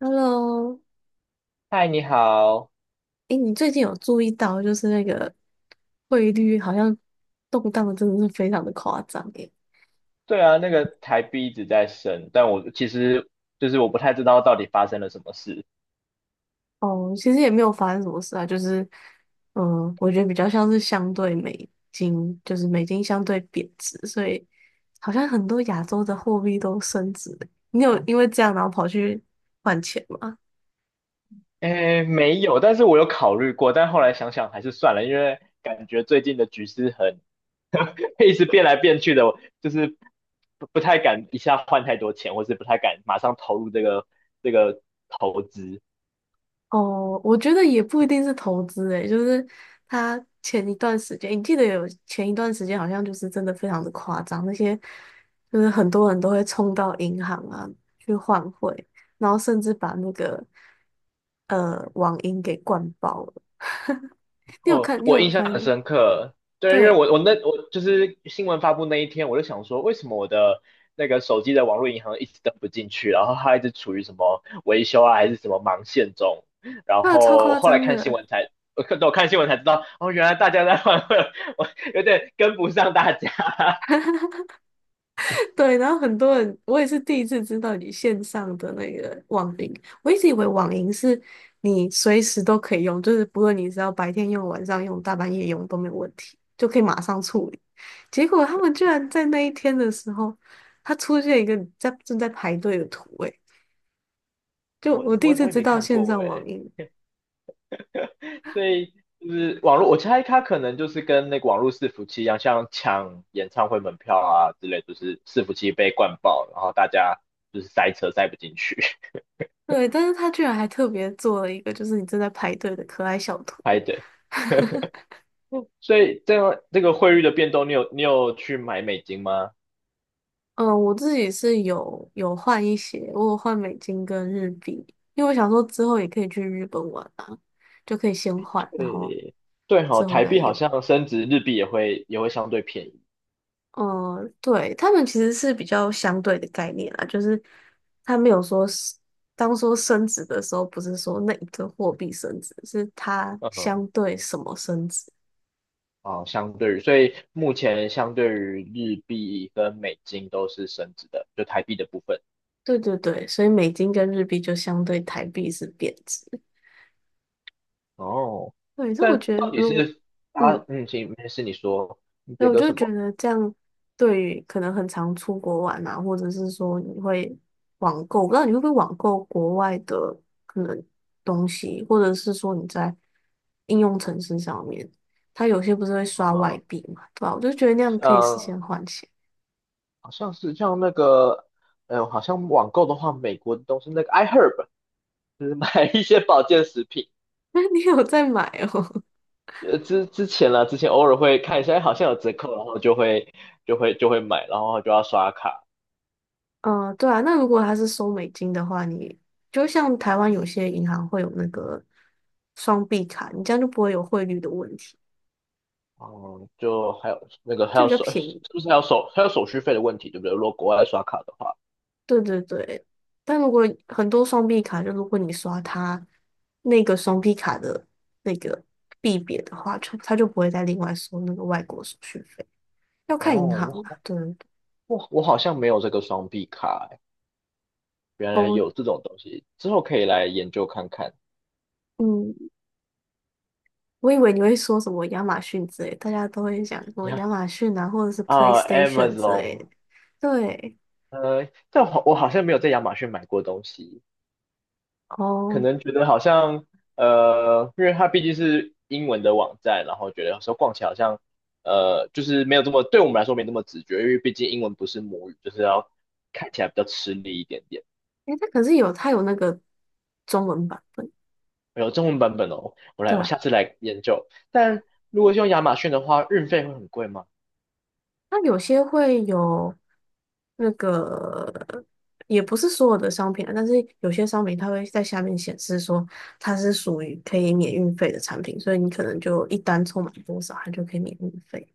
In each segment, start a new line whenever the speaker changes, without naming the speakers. Hello，
嗨，你好。
哎，你最近有注意到就是那个汇率好像动荡的真的是非常的夸张诶。
对啊，那个台币一直在升，但我其实我不太知道到底发生了什么事。
哦，其实也没有发生什么事啊，就是我觉得比较像是相对美金，就是美金相对贬值，所以好像很多亚洲的货币都升值了。你有因为这样然后跑去换钱吗？
诶，没有，但是我有考虑过，但后来想想还是算了，因为感觉最近的局势很 一直变来变去的，我就是不太敢一下换太多钱，或是不太敢马上投入这个投资。
哦，我觉得也不一定是投资诶，就是他前一段时间，你记得有前一段时间好像就是真的非常的夸张，那些就是很多人都会冲到银行啊去换汇，然后甚至把那个网银给灌爆了。你有
哦，
看？你
我
有
印象
发现
很
吗？
深刻，对，因为
对，
我就是新闻发布那一天，我就想说，为什么我的那个手机的网络银行一直登不进去，然后它一直处于什么维修啊，还是什么忙线中，然
那超
后
夸
后来
张
看新
的。
闻才，我看新闻才知道，哦，原来大家在 换汇，我有点跟不上大家，
对，然后很多人，我也是第一次知道你线上的那个网银，我一直以为网银是你随时都可以用，就是不论你是要白天用、晚上用、大半夜用都没有问题，就可以马上处理。结果他们居然在那一天的时候，他出现一个在正在排队的图，诶，就
我
我第
我
一
也
次
我也
知
没
道
看
线
过
上
诶，
网银，
所以就是网络，我猜他可能就是跟那个网络伺服器一样，像抢演唱会门票啊之类，就是伺服器被灌爆，然后大家就是塞车塞不进去
对，但是他居然还特别做了一个，就是你正在排队的可爱小图。
排队。嗯所以这样这个汇率的变动，你有去买美金吗？
嗯，我自己是有换一些，我有换美金跟日币，因为我想说之后也可以去日本玩啊，就可以先换，然后
对对哈，
之后
台
再
币好
用。
像升值，日币也会相对便宜。
嗯，对，他们其实是比较相对的概念啦，就是他没有说是当说升值的时候，不是说那一个货币升值，是它
嗯，
相对什么升值。
哦，相对于，所以目前相对于日币跟美金都是升值的，就台币的部分。
对对对，所以美金跟日币就相对台币是贬值。
哦，
对，所我
但
觉
到
得
底
如果。
是他，
嗯。
嗯，行，没事，你说，你
那
觉
我
得
就
什
觉
么？
得这样，对于可能很常出国玩啊，或者是说你会网购，我不知道你会不会网购国外的可能东西，或者是说你在应用程式上面，它有些不是会刷外
啊？
币嘛，对吧？我就觉得那样可以事先
嗯，
换钱。
好像是像那个，好像网购的话，美国的东西那个 iHerb，就是买 一些保健食品，
那你有在买哦？
之前啦，之前偶尔会看一下，哎好像有折扣，然后就会买，然后就要刷卡，
嗯，对啊。那如果它是收美金的话，你就像台湾有些银行会有那个双币卡，你这样就不会有汇率的问题，
嗯，就还有那个还
就
有
比较
手，
便
是
宜。
不是还有手还有手续费的问题，对不对？如果国外刷卡的话，
对对对，但如果很多双币卡，就如果你刷它那个双币卡的那个币别的话，就它就不会再另外收那个外国手续费，要看银行
哦，
啦。
我
对对对，
我我好像没有这个双币卡，原来
哦，
有这种东西，之后可以来研究看看。
嗯，我以为你会说什么亚马逊之类，大家都会想说
呀，
亚马逊啊，或者是
啊
PlayStation 之类
，Amazon，
的。对，
但我好像没有在亚马逊买过东西，可
哦，
能觉得好像，因为它毕竟是英文的网站，然后觉得有时候逛起来好像，就是没有这么，对我们来说没那么直觉，因为毕竟英文不是母语，就是要看起来比较吃力一点点。
诶，它可是有它有那个中文版本，
有中文版本哦，我
对
来，我
啊。
下次来研究。但如果是用亚马逊的话，运费会很贵吗？
那有些会有那个，也不是所有的商品啊，但是有些商品它会在下面显示说它是属于可以免运费的产品，所以你可能就一单凑满多少，它就可以免运费。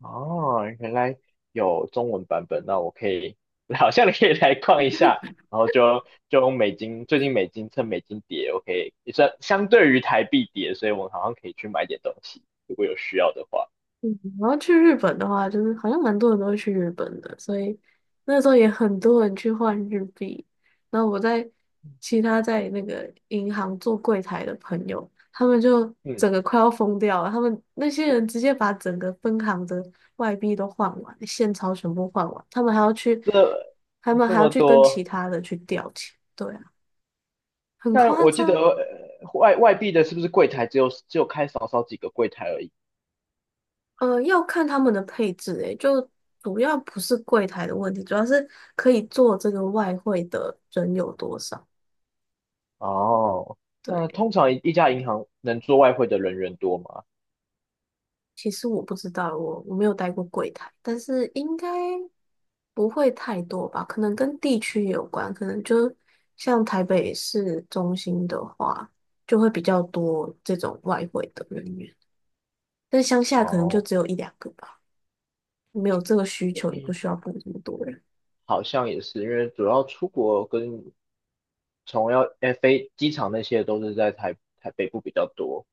哦，原来有中文版本，那我可以，好像可以来逛一下，然后就用美金，最近美金趁美金跌，我可以也算相对于台币跌，所以我好像可以去买点东西，如果有需要的话。
嗯，然后去日本的话，就是好像蛮多人都会去日本的，所以那时候也很多人去换日币。然后我在其他在那个银行做柜台的朋友，他们就
嗯，
整个快要疯掉了。他们那些人直接把整个分行的外币都换完，现钞全部换完，他们还要去，他们
这
还要
么
去跟其
多，
他的去调钱，对啊，很
但
夸
我记得
张。
外币的是不是柜台只有开少少几个柜台而已？
要看他们的配置，诶，就主要不是柜台的问题，主要是可以做这个外汇的人有多少。
哦，那
对，
通常一家银行能做外汇的人员多吗？
其实我不知道，我没有待过柜台，但是应该不会太多吧？可能跟地区有关，可能就像台北市中心的话，就会比较多这种外汇的人员，但乡下可能就
哦，
只有一两个吧，没有这个需求，也不
嗯，
需要雇这么多人。
好像也是，因为主要出国跟从要哎飞机场那些都是在台北部比较多，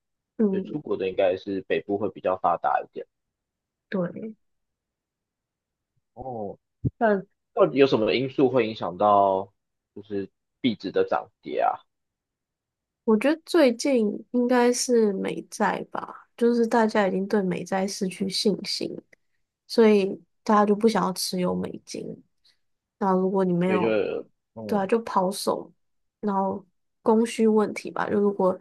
所以出
嗯，
国的应该是北部会比较发达一点。
对。
哦，但到底有什么因素会影响到就是币值的涨跌啊？
我觉得最近应该是美债吧，就是大家已经对美债失去信心，所以大家就不想要持有美金。那如果你没
所以就
有，对啊，
嗯，
就抛售，然后供需问题吧，就如果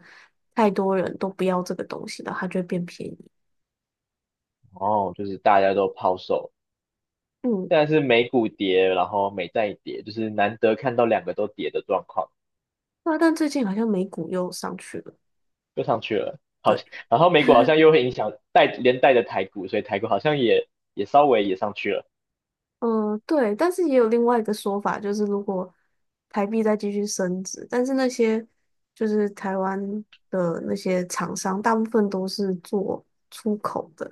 太多人都不要这个东西了，它就会变便宜。
哦，就是大家都抛售，
嗯，
现在是美股跌，然后美债也跌，就是难得看到两个都跌的状况，
那但最近好像美股又上去了，
又上去了。好，
对，
然后美股好 像又会影响带连带的台股，所以台股好像也稍微也上去了。
嗯，对，但是也有另外一个说法，就是如果台币再继续升值，但是那些就是台湾的那些厂商，大部分都是做出口的，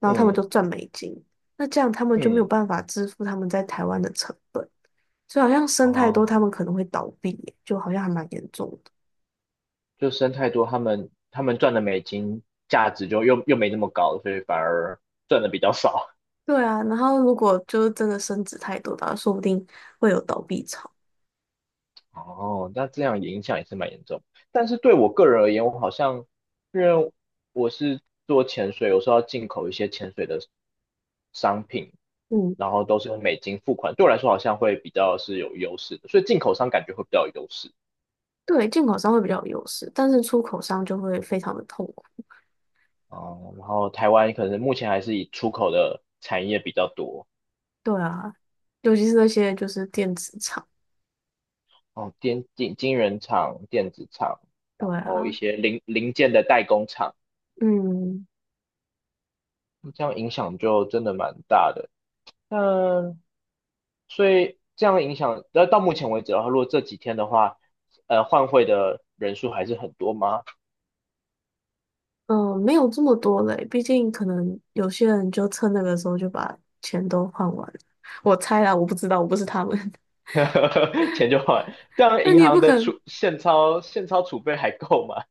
然后他们
嗯
就赚美金，那这样他们就没有
嗯，
办法支付他们在台湾的成本，所以好像升太多，
哦，
他们可能会倒闭耶就好像还蛮严重的。
就生太多，他们赚的美金价值就又没那么高，所以反而赚的比较少。
对啊，然后如果就是真的升值太多的话，说不定会有倒闭潮。
哦，那这样影响也是蛮严重。但是对我个人而言，我好像因为我是做潜水，有时候要进口一些潜水的商品，
嗯，
然后都是用美金付款，对我来说好像会比较是有优势的，所以进口商感觉会比较有优势。
对，进口商会比较有优势，但是出口商就会非常的痛苦。
哦，然后台湾可能目前还是以出口的产业比较多，
对啊，尤其是那些就是电子厂，
哦，晶圆厂、电子厂，
对
然后一
啊，
些零件的代工厂，
嗯
这样影响就真的蛮大的。那所以这样影响，那到目前为止的话，如果这几天的话，换汇的人数还是很多吗？
嗯，没有这么多嘞，毕竟可能有些人就趁那个时候就把钱都换完了，我猜啦，我不知道，我不是他们，
钱就换，这 样
那
银
你也不
行的
可能，
储现钞储备还够吗？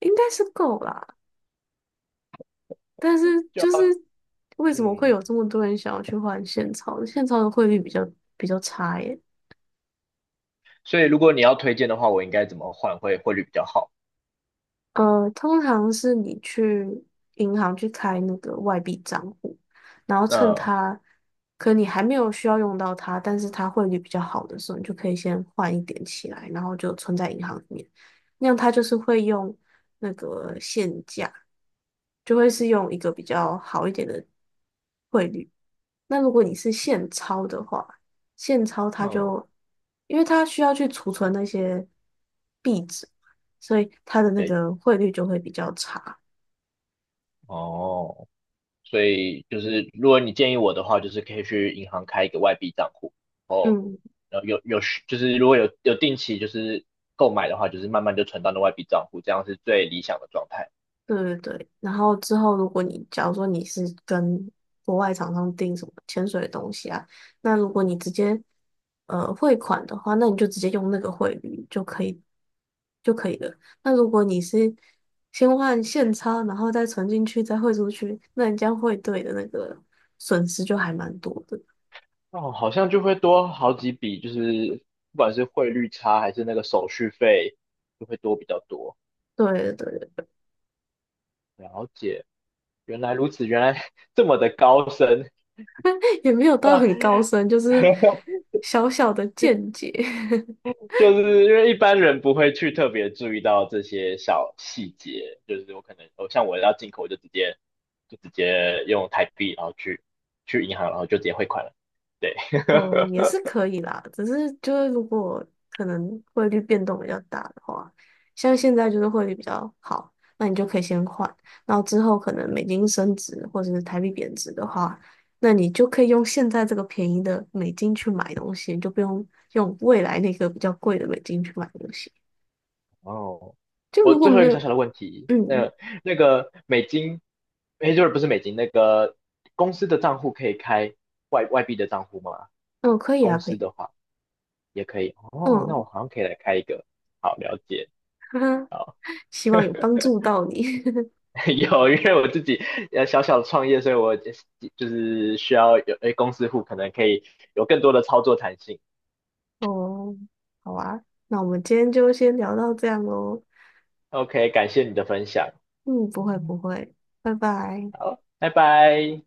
应该是够啦，但是
就要
就是为什么会
嗯，
有这么多人想要去换现钞？现钞的汇率比较差耶，
所以如果你要推荐的话，我应该怎么换汇汇率比较好？
通常是你去银行去开那个外币账户，然后趁
那
它，可你还没有需要用到它，但是它汇率比较好的时候，你就可以先换一点起来，然后就存在银行里面，那样它就是会用那个现价。就会是用一个比较好一点的汇率。那如果你是现钞的话，现钞它
嗯，
就，因为它需要去储存那些币值，所以它的那
对，
个汇率就会比较差。
哦。所以就是如果你建议我的话，就是可以去银行开一个外币账户，然后
嗯。
然后有就是如果有定期就是购买的话，就是慢慢就存到那外币账户，这样是最理想的状态。
对对对，然后之后，如果你假如说你是跟国外厂商订什么潜水的东西啊，那如果你直接汇款的话，那你就直接用那个汇率就可以了。那如果你是先换现钞，然后再存进去，再汇出去，那你这样汇兑的那个损失就还蛮多的。
哦，好像就会多好几笔，就是不管是汇率差还是那个手续费，就会多比较多。
对对对，
了解，原来如此，原来 这么的高深。
也没有
那
到很高深，就是 小小的见解。
就是因为一般人不会去特别注意到这些小细节，就是我可能，哦，像我要进口，我就直接用台币，然后去银行，然后就直接汇款了。对，
哦，也 是可以啦，只是就是如果可能汇率变动比较大的话，像现在就是汇率比较好，那你就可以先换，然后之后可能美金升值或者是台币贬值的话，那你就可以用现在这个便宜的美金去买东西，你就不用用未来那个比较贵的美金去买东西。
哦，
就
我
如果
最后一
没
个
有，
小小的问题，
嗯
那那个美金，哎，就是不是美金，那个公司的账户可以开外币的账户吗？
嗯，可以啊，
公
可
司
以，
的话也可以。哦，那我
嗯，
好像可以来开一个。好，了解。
哈哈，希望有帮助到你。
有，因为我自己小小的创业，所以我就是需要有诶公司户可能可以有更多的操作弹性。
哦，好啊，那我们今天就先聊到这样喽。
OK，感谢你的分享，
嗯，不会不会，拜拜。
好，拜拜。